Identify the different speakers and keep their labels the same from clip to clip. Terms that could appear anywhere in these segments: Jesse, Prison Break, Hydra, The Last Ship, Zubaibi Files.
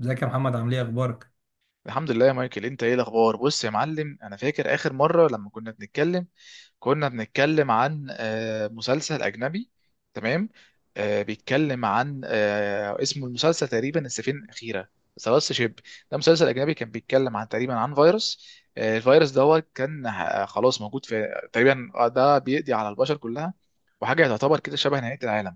Speaker 1: ازيك يا محمد عامل ايه اخبارك؟
Speaker 2: الحمد لله يا مايكل، انت ايه الاخبار؟ بص يا معلم، انا فاكر اخر مره لما كنا بنتكلم عن مسلسل اجنبي. تمام. بيتكلم عن اسمه المسلسل تقريبا السفينه الاخيره، سلاس شيب. ده مسلسل اجنبي كان بيتكلم عن تقريبا عن فيروس. الفيروس ده هو كان خلاص موجود في تقريبا. ده بيقضي على البشر كلها، وحاجه تعتبر كده شبه نهايه العالم.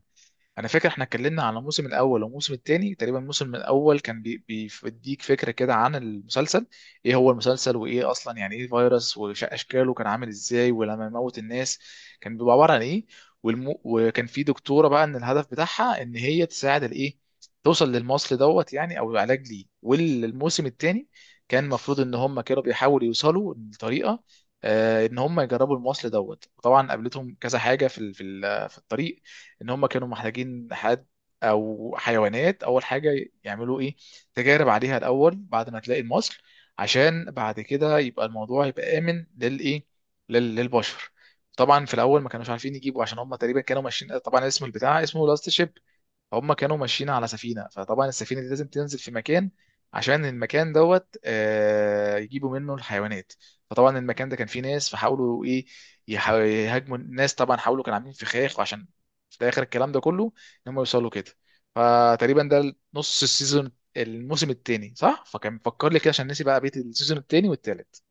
Speaker 2: انا فاكر احنا اتكلمنا على الموسم الاول والموسم الثاني. تقريبا الموسم الاول كان بيديك فكره كده عن المسلسل، ايه هو المسلسل، وايه اصلا يعني ايه فيروس واشكاله، كان عامل ازاي، ولما يموت الناس كان بيبقى عباره عن ايه. وكان في دكتوره بقى ان الهدف بتاعها ان هي تساعد الايه، توصل للمصل دوت يعني او العلاج ليه. والموسم الثاني كان المفروض ان هم كانوا بيحاولوا يوصلوا لطريقه، ان هم يجربوا المصل دوت. طبعا قابلتهم كذا حاجه في الطريق. ان هم كانوا محتاجين حد او حيوانات اول حاجه، يعملوا ايه، تجارب عليها الاول بعد ما تلاقي المصل، عشان بعد كده يبقى الموضوع يبقى امن للايه، للبشر. طبعا في الاول ما كانوش عارفين يجيبوا، عشان هم تقريبا كانوا ماشيين. طبعا اسم البتاع اسمه لاست شيب. هم كانوا ماشيين على سفينة، فطبعا السفينة دي لازم تنزل في مكان عشان المكان دوت يجيبوا منه الحيوانات. فطبعا المكان ده كان فيه ناس، فحاولوا ايه، يهاجموا الناس. طبعا حاولوا كانوا عاملين فخاخ، وعشان في الاخر الكلام ده كله ان هم يوصلوا كده. فتقريبا ده نص السيزون الموسم التاني صح؟ فكان مفكر لي كده، عشان نسي بقى بيت السيزون التاني والتالت.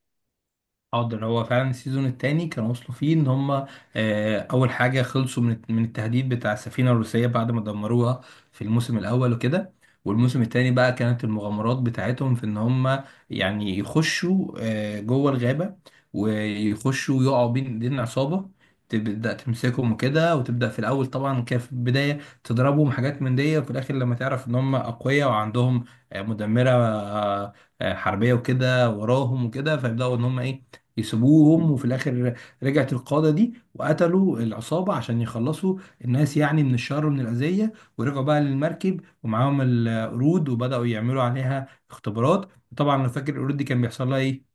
Speaker 1: حاضر هو فعلا السيزون التاني كانوا وصلوا فيه ان هم اول حاجه خلصوا من التهديد بتاع السفينه الروسيه بعد ما دمروها في الموسم الاول وكده. والموسم التاني بقى كانت المغامرات بتاعتهم في ان هم يعني يخشوا جوه الغابه، ويخشوا ويقعوا بين ايدين عصابه تبدا تمسكهم وكده، وتبدا في الاول. طبعا كان في البدايه تضربهم حاجات من دي، وفي الاخر لما تعرف ان هم اقوياء وعندهم مدمره حربيه وكده وراهم وكده، فيبداوا ان هم ايه، يسيبوهم. وفي الاخر رجعت القاده دي وقتلوا العصابه عشان يخلصوا الناس يعني من الشر ومن الاذيه، ورجعوا بقى للمركب ومعاهم القرود وبداوا يعملوا عليها اختبارات. طبعا انا فاكر القرود دي كان بيحصل لها ايه.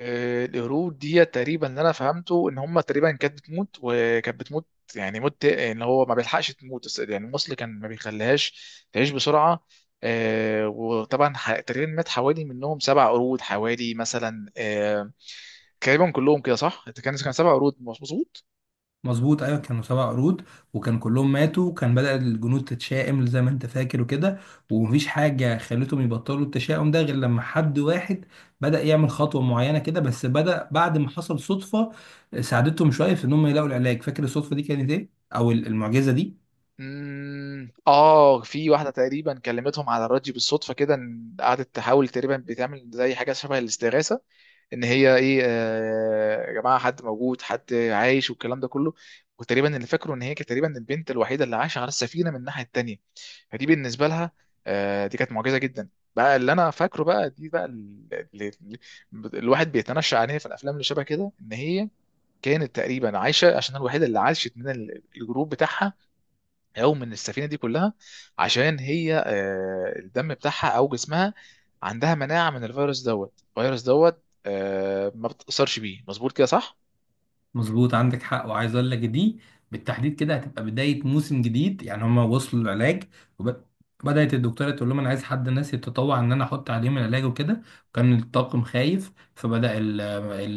Speaker 2: القرود دي تقريبا اللي انا فهمته ان هم تقريبا كانت بتموت وكانت بتموت، يعني موت ان هو ما بيلحقش تموت، بس يعني الموصل كان ما بيخليهاش تعيش بسرعه. وطبعا تقريبا مات حوالي منهم سبع قرود، حوالي مثلا تقريبا كلهم كده صح؟ كان سبع قرود مظبوط؟
Speaker 1: مظبوط، ايوه، كانوا سبع قرود وكان كلهم ماتوا، وكان بدأ الجنود تتشائم زي ما انت فاكر وكده، ومفيش حاجه خلتهم يبطلوا التشاؤم ده غير لما حد واحد بدأ يعمل خطوه معينه كده، بس بدأ بعد ما حصل صدفه ساعدتهم شويه في ان هم يلاقوا العلاج. فاكر الصدفه دي كانت ايه، او المعجزه دي؟
Speaker 2: مم، اه في واحده تقريبا كلمتهم على الراديو بالصدفه كده، إن قعدت تحاول تقريبا بتعمل زي حاجه شبه الاستغاثه، ان هي ايه، يا جماعه حد موجود حد عايش والكلام ده كله. وتقريبا اللي فاكره ان هي كانت تقريبا البنت الوحيده اللي عايشه على السفينه من الناحيه التانيه، فدي بالنسبه لها دي كانت معجزه جدا. بقى اللي انا فاكره بقى دي بقى اللي الواحد بيتنشأ عليها في الافلام اللي شبه كده، ان هي كانت تقريبا عايشه عشان الوحيده اللي عاشت من الجروب بتاعها، او من السفينه دي كلها، عشان هي الدم بتاعها او جسمها عندها مناعه من الفيروس دوت. الفيروس دوت ما بتاثرش بيه، مظبوط كده صح؟
Speaker 1: مظبوط، عندك حق. وعايز اقول لك دي بالتحديد كده هتبقى بدايه موسم جديد. يعني هما وصلوا للعلاج، وبدات الدكتوره تقول لهم انا عايز حد، ناس يتطوع ان انا احط عليهم العلاج وكده. كان الطاقم خايف،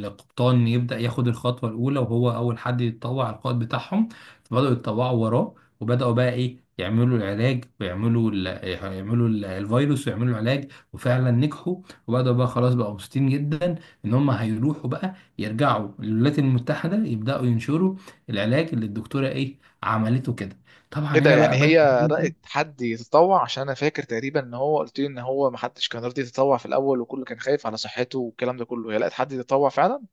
Speaker 1: القبطان يبدا ياخد الخطوه الاولى، وهو اول حد يتطوع على القائد بتاعهم، فبداوا يتطوعوا وراه. وبداوا بقى ايه، يعملوا العلاج ويعملوا الفيروس ويعملوا العلاج، وفعلا نجحوا. وبداوا بقى خلاص بقوا مبسوطين جدا ان هم هيروحوا بقى يرجعوا للولايات المتحدة، يبدأوا ينشروا العلاج اللي الدكتورة ايه عملته كده. طبعا
Speaker 2: ايه ده؟
Speaker 1: هنا
Speaker 2: يعني
Speaker 1: بقى بدأ.
Speaker 2: هي رأت حد يتطوع؟ عشان انا فاكر تقريبا ان هو قلت لي ان هو ما حدش كان راضي يتطوع في الاول، وكله كان خايف على صحته والكلام ده كله. هي لقت حد يتطوع فعلا؟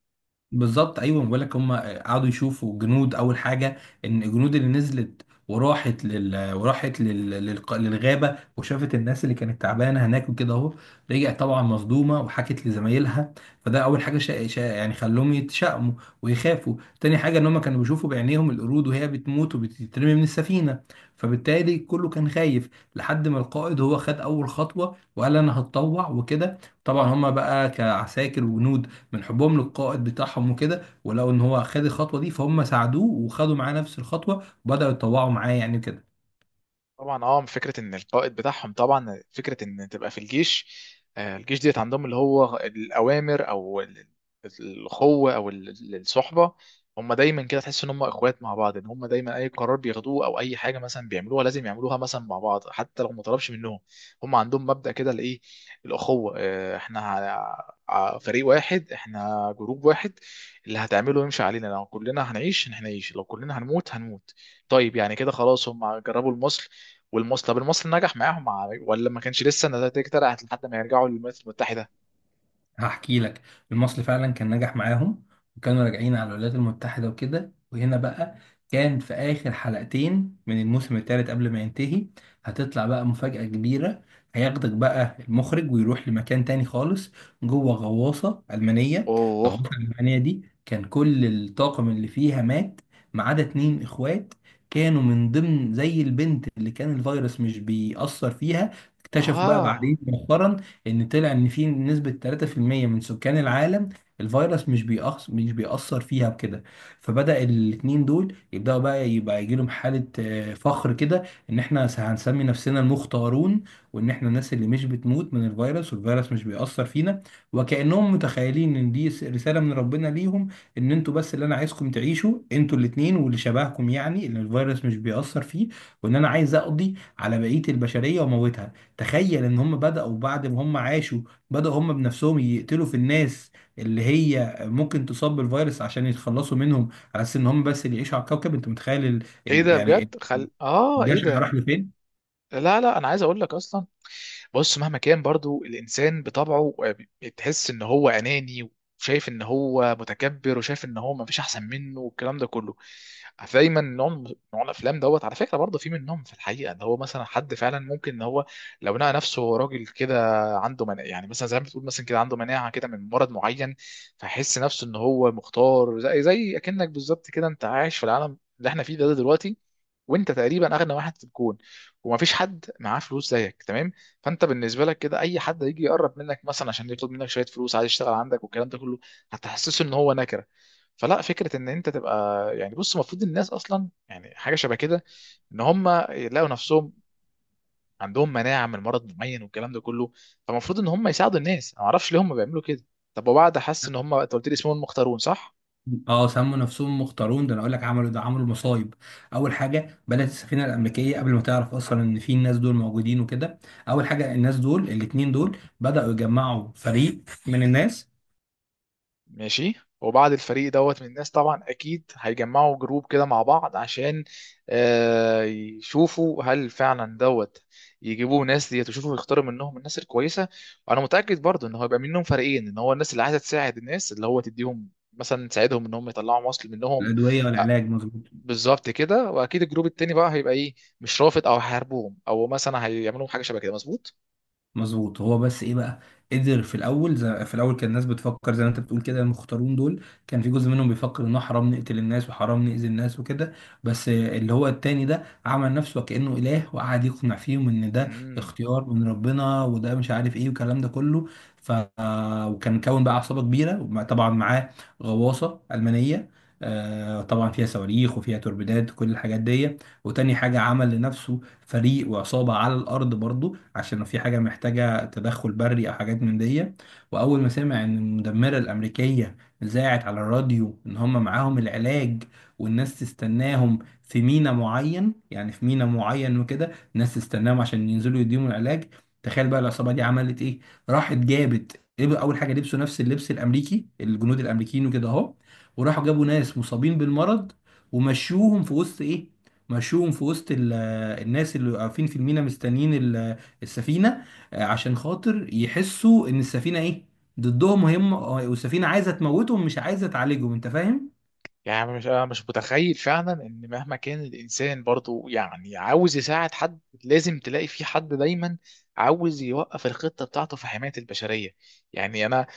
Speaker 1: بالظبط، ايوه، بقول لك هم قعدوا يشوفوا جنود اول حاجه. ان الجنود اللي نزلت للغابه وشافت الناس اللي كانت تعبانه هناك وكده اهو، رجعت طبعا مصدومه وحكت لزمايلها. فده اول حاجه يعني خلوهم يتشائموا ويخافوا. تاني حاجه ان هم كانوا بيشوفوا بعينيهم القرود وهي بتموت وبتترمي من السفينه، فبالتالي كله كان خايف لحد ما القائد هو خد اول خطوه وقال انا هتطوع وكده. طبعا هم بقى كعساكر وجنود، من حبهم للقائد بتاعهم وكده، ولقوا ان هو خد الخطوه دي، فهم ساعدوه وخدوا معاه نفس الخطوه وبداوا يتطوعوا معاه يعني كده.
Speaker 2: طبعا اه، فكره ان القائد بتاعهم، طبعا فكره ان تبقى في الجيش، الجيش ديت عندهم اللي هو الاوامر او الاخوه او الصحبه. هم دايما كده تحس ان هم اخوات مع بعض، ان هم دايما اي قرار بياخدوه او اي حاجه مثلا بيعملوها لازم يعملوها مثلا مع بعض، حتى لو ما طلبش منهم. هم عندهم مبدأ كده الايه، الاخوه. احنا فريق واحد، احنا جروب واحد. اللي هتعمله يمشي علينا، لو كلنا هنعيش هنعيش، لو كلنا هنموت هنموت. طيب يعني كده خلاص، هم جربوا المصل والمصري. طب المصري نجح معاهم مع ولا ما كانش لسه النتائج طلعت لحد ما يرجعوا للولايات المتحدة؟
Speaker 1: هحكي لك، المصري فعلا كان نجح معاهم، وكانوا راجعين على الولايات المتحدة وكده. وهنا بقى كان في آخر حلقتين من الموسم الثالث قبل ما ينتهي هتطلع بقى مفاجأة كبيرة. هياخدك بقى المخرج ويروح لمكان تاني خالص، جوه غواصة ألمانية. الغواصة
Speaker 2: اوه.
Speaker 1: الألمانية دي كان كل الطاقم اللي فيها مات ما عدا اتنين إخوات، كانوا من ضمن زي البنت اللي كان الفيروس مش بيأثر فيها. اكتشفوا بقى
Speaker 2: اه،
Speaker 1: بعدين مؤخرا ان طلع ان في نسبة 3% من سكان العالم الفيروس مش بيأثر فيها بكده. فبدأ الاتنين دول يبدأوا بقى يبقى يجي لهم حالة فخر كده، ان احنا هنسمي نفسنا المختارون، وان احنا الناس اللي مش بتموت من الفيروس والفيروس مش بيأثر فينا. وكأنهم متخيلين ان دي رسالة من ربنا ليهم، ان انتوا بس اللي انا عايزكم تعيشوا، انتوا الاتنين واللي شبهكم، يعني ان الفيروس مش بيأثر فيه، وان انا عايز اقضي على بقية البشرية واموتها. تخيل ان هم بدأوا بعد ما هم عاشوا، بدأوا هم بنفسهم يقتلوا في الناس اللي هي ممكن تصاب بالفيروس عشان يتخلصوا منهم، على اساس ان هم بس اللي يعيشوا على الكوكب. انت متخيل
Speaker 2: ايه ده
Speaker 1: يعني
Speaker 2: بجد؟ خل اه، ايه
Speaker 1: الجشع راح
Speaker 2: ده؟
Speaker 1: لفين؟
Speaker 2: لا لا، انا عايز اقول لك اصلا. بص، مهما كان برضو الانسان بطبعه بتحس ان هو اناني، وشايف ان هو متكبر، وشايف ان هو ما فيش احسن منه والكلام ده كله. دايما نوع الافلام دوت على فكره برضه في منهم في الحقيقه، ان هو مثلا حد فعلا ممكن ان هو لو لقى نفسه هو راجل كده عنده مناعه، يعني مثلا زي ما بتقول مثلا كده عنده مناعه كده من مرض معين، فيحس نفسه ان هو مختار. زي اكنك بالظبط كده، انت عايش في العالم اللي احنا فيه ده دلوقتي، وانت تقريبا اغنى واحد في الكون ومفيش حد معاه فلوس زيك، تمام؟ فانت بالنسبه لك كده اي حد هيجي يقرب منك مثلا عشان يطلب منك شويه فلوس، عايز يشتغل عندك والكلام ده كله، هتحسسه ان هو نكره. فلا، فكره ان انت تبقى، يعني بص، المفروض الناس اصلا يعني حاجه شبه كده، ان هم يلاقوا نفسهم عندهم مناعه من مرض معين والكلام ده كله، فالمفروض ان هم يساعدوا الناس. انا ما اعرفش ليه هم بيعملوا كده. طب وبعد حس ان هم، انت قلت لي اسمهم المختارون صح؟
Speaker 1: اه، سموا نفسهم مختارون. ده انا اقول لك عملوا ده عملوا مصايب. اول حاجه بنت السفينه الامريكيه قبل ما تعرف اصلا ان في الناس دول موجودين وكده، اول حاجه الناس دول الاثنين دول بدأوا يجمعوا فريق من الناس.
Speaker 2: ماشي. وبعد الفريق دوت من الناس طبعا اكيد هيجمعوا جروب كده مع بعض، عشان يشوفوا هل فعلا دوت، يجيبوا ناس ديت ويشوفوا يختاروا منهم الناس الكويسه. وانا متاكد برضو ان هو يبقى منهم فريقين، ان هو الناس اللي عايزه تساعد الناس اللي هو تديهم مثلا، تساعدهم ان هم يطلعوا مصل منهم.
Speaker 1: الادويه
Speaker 2: آه،
Speaker 1: والعلاج، مظبوط.
Speaker 2: بالظبط كده. واكيد الجروب التاني بقى هيبقى ايه، مش رافض او هيحاربوهم او مثلا هيعملوا حاجه شبه كده، مظبوط.
Speaker 1: مظبوط. هو بس ايه بقى، قدر في الاول، زي في الاول كان الناس بتفكر زي ما انت بتقول كده، المختارون دول كان في جزء منهم بيفكر انه حرام نقتل الناس وحرام نأذي الناس وكده، بس اللي هو التاني ده عمل نفسه كأنه اله وقعد يقنع فيهم ان ده
Speaker 2: مم.
Speaker 1: اختيار من ربنا وده مش عارف ايه والكلام ده كله. ف، وكان كون بقى عصابة كبيرة، طبعا معاه غواصة ألمانية، طبعا فيها صواريخ وفيها توربيدات وكل الحاجات دي. وتاني حاجة عمل لنفسه فريق وعصابة على الأرض برضو، عشان لو في حاجة محتاجة تدخل بري أو حاجات من دي. وأول ما سمع إن المدمرة الأمريكية ذاعت على الراديو إن هم معاهم العلاج، والناس تستناهم في ميناء معين، يعني في ميناء معين وكده الناس تستناهم عشان ينزلوا يديهم العلاج، تخيل بقى العصابة دي عملت إيه. راحت جابت، أول حاجة لبسوا نفس اللبس الأمريكي الجنود الأمريكيين وكده أهو، وراحوا جابوا ناس مصابين بالمرض، ومشوهم في وسط ايه، مشوهم في وسط الناس اللي واقفين في المينا مستنيين السفينة، عشان خاطر يحسوا ان السفينة ايه، ضدهم، وهم والسفينة عايزة تموتهم مش عايزة تعالجهم. انت فاهم؟
Speaker 2: يعني مش، أنا مش متخيل فعلا ان مهما كان الانسان برضو يعني عاوز يساعد حد، لازم تلاقي في حد دايما عاوز يوقف الخطه بتاعته في حمايه البشريه. يعني انا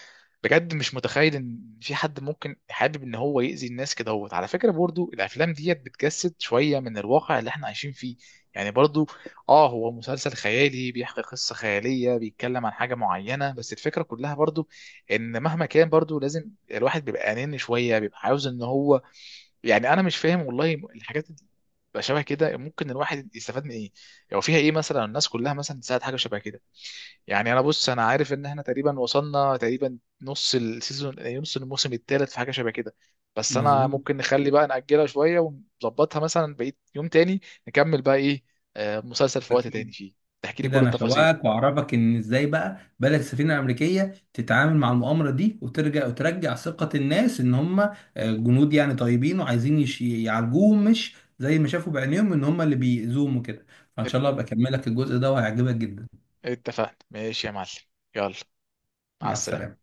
Speaker 2: بجد مش متخيل ان في حد ممكن حابب ان هو يأذي الناس كده. هو على فكره برضو الافلام ديت بتجسد شويه من الواقع اللي احنا عايشين فيه. يعني برضو اه، هو مسلسل خيالي بيحكي قصه خياليه، بيتكلم عن حاجه معينه، بس الفكره كلها برضو ان مهما كان برضو لازم الواحد بيبقى اناني شويه، بيبقى عاوز ان هو، يعني انا مش فاهم والله، الحاجات اللي بتبقى شبه كده ممكن الواحد يستفاد من ايه، او فيها ايه مثلا الناس كلها مثلا تساعد حاجه شبه كده. يعني انا بص، انا عارف ان احنا تقريبا وصلنا تقريبا نص السيزون نص الموسم الثالث في حاجه شبه كده. بس انا
Speaker 1: مظبوط.
Speaker 2: ممكن نخلي بقى نأجلها شويه ونظبطها مثلا بقيت يوم تاني، نكمل بقى ايه، مسلسل في وقت تاني
Speaker 1: اكيد.
Speaker 2: فيه، تحكي لي
Speaker 1: اكيد
Speaker 2: كل
Speaker 1: انا
Speaker 2: التفاصيل.
Speaker 1: شوقك واعرفك ان ازاي بقى بدأت السفينة الامريكية تتعامل مع المؤامرة دي، وترجع وترجع ثقة الناس ان هم جنود يعني طيبين، وعايزين يعالجوهم، مش زي ما شافوا بعينيهم ان هم اللي بيأذوهم وكده. فان
Speaker 2: ات-
Speaker 1: شاء الله ابقى اكملك الجزء ده وهيعجبك جدا.
Speaker 2: اتفقنا، ماشي يا معلم. يلا، مع
Speaker 1: مع
Speaker 2: السلامه.
Speaker 1: السلامة.